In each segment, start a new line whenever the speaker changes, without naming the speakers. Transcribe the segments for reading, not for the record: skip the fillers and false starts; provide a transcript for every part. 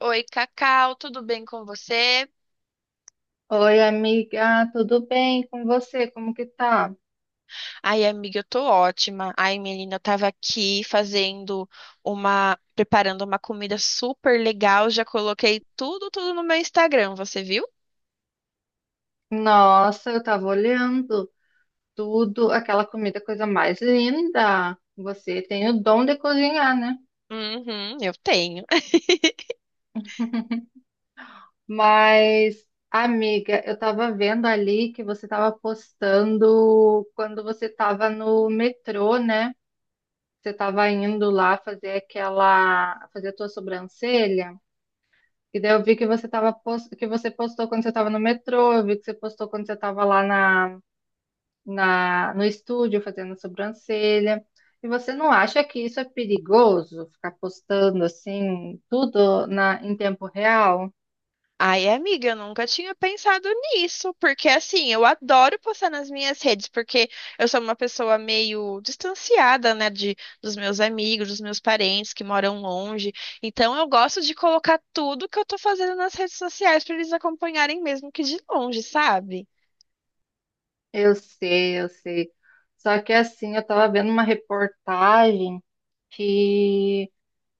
Oi, Cacau, tudo bem com você?
Oi, amiga, tudo bem com você? Como que tá?
Ai, amiga, eu tô ótima. Ai, menina, eu tava aqui fazendo preparando uma comida super legal. Já coloquei tudo no meu Instagram, você viu?
Nossa, eu tava olhando tudo, aquela comida, coisa mais linda. Você tem o dom de cozinhar, né?
Uhum, eu tenho.
Mas, amiga, eu tava vendo ali que você tava postando quando você tava no metrô, né? Você tava indo lá fazer a tua sobrancelha. E daí eu vi que que você postou quando você tava no metrô. Eu vi que você postou quando você tava lá no estúdio fazendo sobrancelha. E você não acha que isso é perigoso, ficar postando assim tudo em tempo real?
Ai, amiga, eu nunca tinha pensado nisso, porque assim, eu adoro postar nas minhas redes, porque eu sou uma pessoa meio distanciada, né, de dos meus amigos, dos meus parentes que moram longe. Então eu gosto de colocar tudo que eu tô fazendo nas redes sociais pra eles acompanharem mesmo que de longe, sabe?
Eu sei, eu sei. Só que assim, eu tava vendo uma reportagem que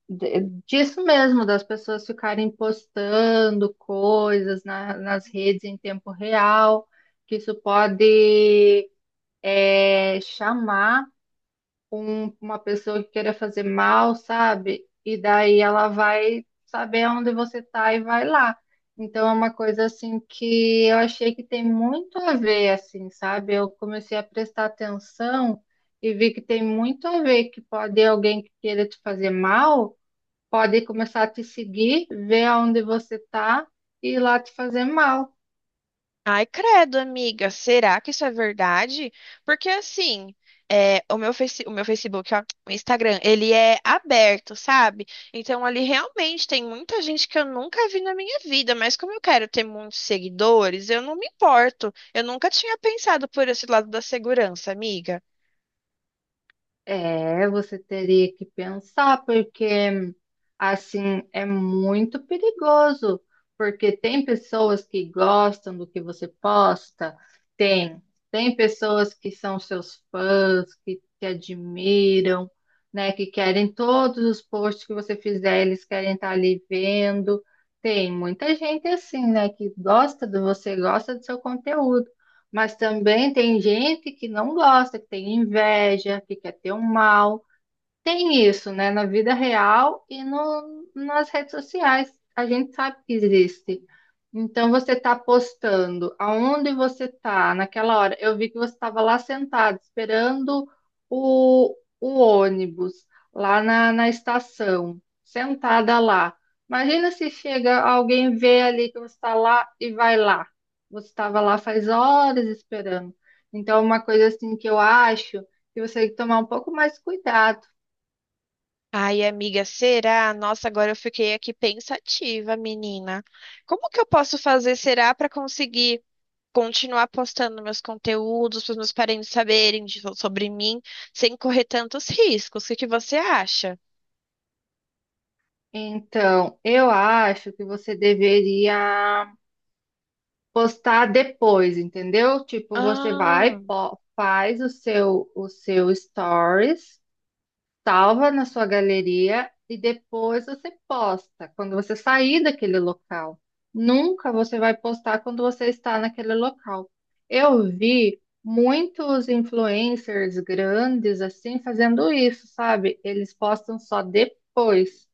de- disso mesmo, das pessoas ficarem postando coisas nas redes em tempo real, que isso pode chamar com uma pessoa que queira fazer mal, sabe? E daí ela vai saber onde você tá e vai lá. Então é uma coisa assim que eu achei que tem muito a ver, assim, sabe? Eu comecei a prestar atenção e vi que tem muito a ver, que pode alguém que queira te fazer mal, pode começar a te seguir, ver onde você tá e ir lá te fazer mal.
Ai, credo, amiga, será que isso é verdade? Porque assim, é, o meu Facebook, ó, o Instagram, ele é aberto, sabe? Então ali realmente tem muita gente que eu nunca vi na minha vida, mas como eu quero ter muitos seguidores, eu não me importo. Eu nunca tinha pensado por esse lado da segurança, amiga.
É, você teria que pensar, porque assim é muito perigoso, porque tem pessoas que gostam do que você posta, tem, tem pessoas que são seus fãs, que te admiram, né, que querem todos os posts que você fizer, eles querem estar ali vendo. Tem muita gente assim, né, que gosta de você, gosta do seu conteúdo. Mas também tem gente que não gosta, que tem inveja, que quer ter um mal. Tem isso, né? Na vida real e no, nas redes sociais. A gente sabe que existe. Então, você está postando aonde você está naquela hora. Eu vi que você estava lá sentado, esperando o ônibus, lá na estação, sentada lá. Imagina se chega alguém, vê ali que você está lá e vai lá. Você estava lá faz horas esperando. Então, uma coisa assim que eu acho que você tem que tomar um pouco mais cuidado.
Ai, amiga, será? Nossa, agora eu fiquei aqui pensativa, menina. Como que eu posso fazer, será, para conseguir continuar postando meus conteúdos para os meus parentes saberem sobre mim, sem correr tantos riscos. O que que você acha?
Então, eu acho que você deveria postar depois, entendeu? Tipo, você
Ah,
faz o seu stories, salva na sua galeria e depois você posta, quando você sair daquele local. Nunca você vai postar quando você está naquele local. Eu vi muitos influencers grandes assim fazendo isso, sabe? Eles postam só depois.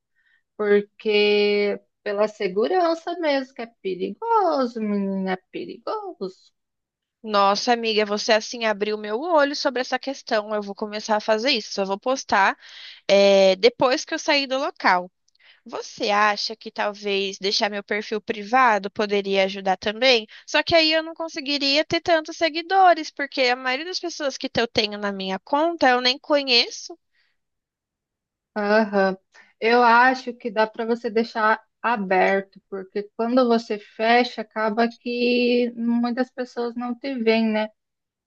Porque pela segurança mesmo, que é perigoso, menina, é perigoso.
nossa amiga, você assim abriu meu olho sobre essa questão. Eu vou começar a fazer isso. Só vou postar depois que eu sair do local. Você acha que talvez deixar meu perfil privado poderia ajudar também? Só que aí eu não conseguiria ter tantos seguidores, porque a maioria das pessoas que eu tenho na minha conta eu nem conheço.
Aham. Eu acho que dá para você deixar aberto, porque quando você fecha, acaba que muitas pessoas não te veem, né?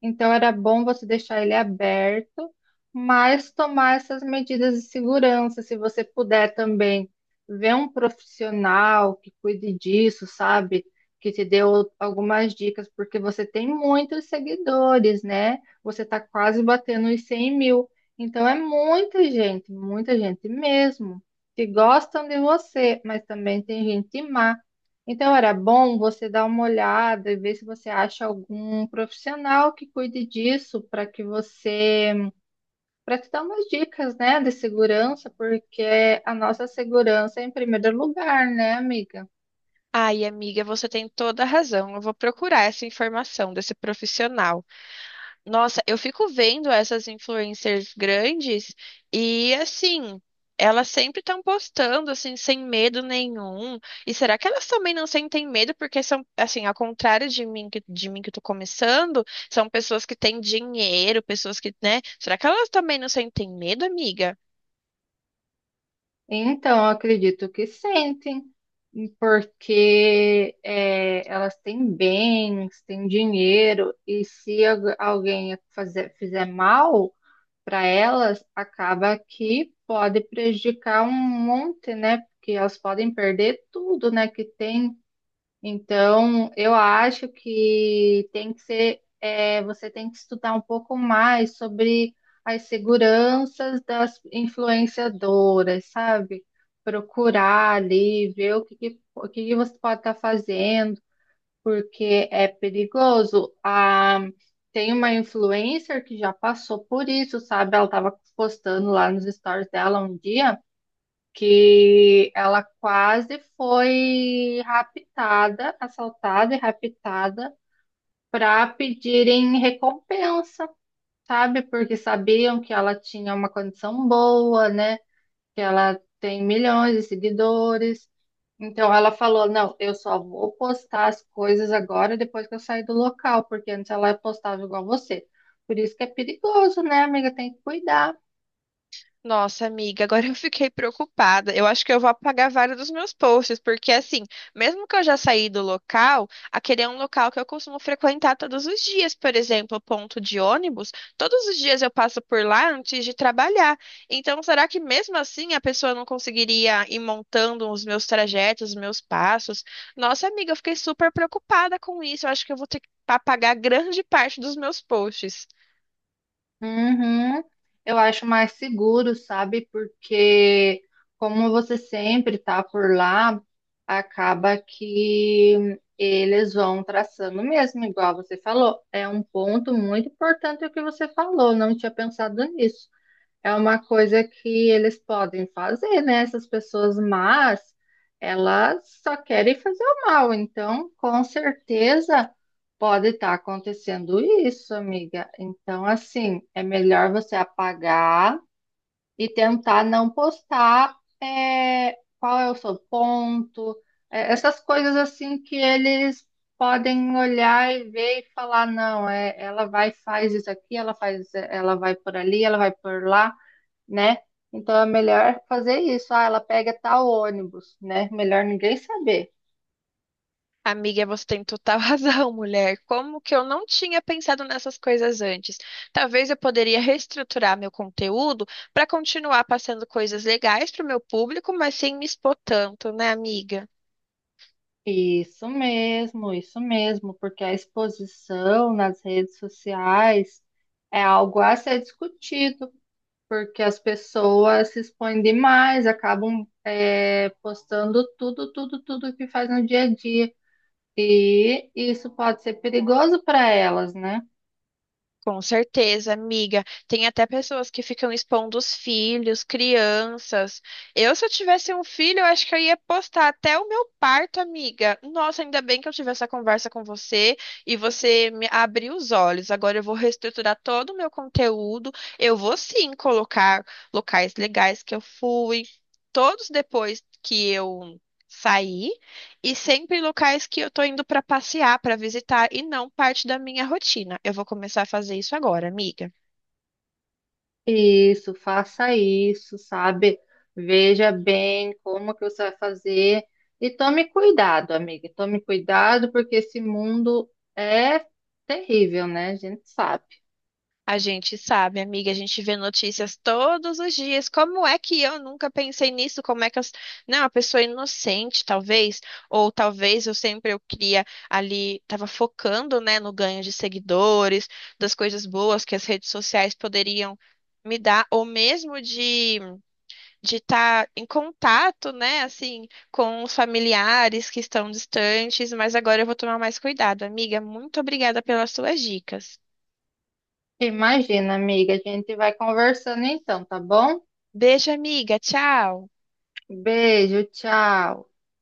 Então era bom você deixar ele aberto, mas tomar essas medidas de segurança. Se você puder também ver um profissional que cuide disso, sabe? Que te deu algumas dicas, porque você tem muitos seguidores, né? Você está quase batendo os 100 mil. Então é muita gente mesmo, que gostam de você, mas também tem gente má. Então, era bom você dar uma olhada e ver se você acha algum profissional que cuide disso para que você, para te dar umas dicas, né, de segurança, porque a nossa segurança é em primeiro lugar, né, amiga?
Ai, amiga, você tem toda a razão. Eu vou procurar essa informação desse profissional. Nossa, eu fico vendo essas influencers grandes e assim, elas sempre estão postando assim sem medo nenhum. E será que elas também não sentem medo porque são assim, ao contrário de mim que tô começando, são pessoas que têm dinheiro, pessoas que, né? Será que elas também não sentem medo, amiga?
Então, eu acredito que sentem, porque é, elas têm bens, têm dinheiro, e se alguém fizer mal para elas, acaba que pode prejudicar um monte, né? Porque elas podem perder tudo, né, que tem. Então, eu acho que tem que ser, você tem que estudar um pouco mais sobre as seguranças das influenciadoras, sabe? Procurar ali, ver o que que você pode estar fazendo, porque é perigoso. Ah, tem uma influencer que já passou por isso, sabe? Ela estava postando lá nos stories dela um dia que ela quase foi raptada, assaltada e raptada para pedirem recompensa, sabe? Porque sabiam que ela tinha uma condição boa, né? Que ela tem milhões de seguidores. Então ela falou: não, eu só vou postar as coisas agora depois que eu sair do local, porque antes ela postava igual você. Por isso que é perigoso, né, amiga? Tem que cuidar.
Nossa, amiga, agora eu fiquei preocupada. Eu acho que eu vou apagar vários dos meus posts, porque assim, mesmo que eu já saí do local, aquele é um local que eu costumo frequentar todos os dias, por exemplo, ponto de ônibus. Todos os dias eu passo por lá antes de trabalhar. Então, será que mesmo assim a pessoa não conseguiria ir montando os meus trajetos, os meus passos? Nossa, amiga, eu fiquei super preocupada com isso. Eu acho que eu vou ter que apagar grande parte dos meus posts.
Uhum. Eu acho mais seguro, sabe? Porque como você sempre tá por lá, acaba que eles vão traçando mesmo, igual você falou. É um ponto muito importante o que você falou, não tinha pensado nisso. É uma coisa que eles podem fazer, né? Essas pessoas, mas elas só querem fazer o mal. Então, com certeza pode estar acontecendo isso, amiga. Então, assim, é melhor você apagar e tentar não postar é, qual é o seu ponto, essas coisas assim que eles podem olhar e ver e falar, não, é, ela vai faz isso aqui, ela faz, ela vai por ali, ela vai por lá, né? Então é melhor fazer isso. Ah, ela pega tal ônibus, né? Melhor ninguém saber.
Amiga, você tem total razão, mulher. Como que eu não tinha pensado nessas coisas antes? Talvez eu poderia reestruturar meu conteúdo para continuar passando coisas legais para o meu público, mas sem me expor tanto, né, amiga?
Isso mesmo, porque a exposição nas redes sociais é algo a ser discutido, porque as pessoas se expõem demais, acabam postando tudo, tudo, tudo que faz no dia a dia. E isso pode ser perigoso para elas, né?
Com certeza, amiga. Tem até pessoas que ficam expondo os filhos, crianças. Eu, se eu tivesse um filho, eu acho que eu ia postar até o meu parto, amiga. Nossa, ainda bem que eu tive essa conversa com você e você me abriu os olhos. Agora eu vou reestruturar todo o meu conteúdo. Eu vou sim colocar locais legais que eu fui, todos depois que eu saí. E sempre locais que eu tô indo pra passear, pra visitar e não parte da minha rotina. Eu vou começar a fazer isso agora, amiga.
Isso, faça isso, sabe? Veja bem como que você vai fazer e tome cuidado, amiga. Tome cuidado porque esse mundo é terrível, né? A gente sabe.
A gente sabe, amiga, a gente vê notícias todos os dias. Como é que eu nunca pensei nisso? Como é que eu. Não, a pessoa é inocente, talvez. Ou talvez eu sempre eu queria ali, tava focando, né, no ganho de seguidores, das coisas boas que as redes sociais poderiam me dar, ou mesmo de estar em contato, né, assim, com os familiares que estão distantes, mas agora eu vou tomar mais cuidado. Amiga, muito obrigada pelas suas dicas.
Imagina, amiga, a gente vai conversando então, tá bom?
Beijo, amiga. Tchau.
Beijo, tchau.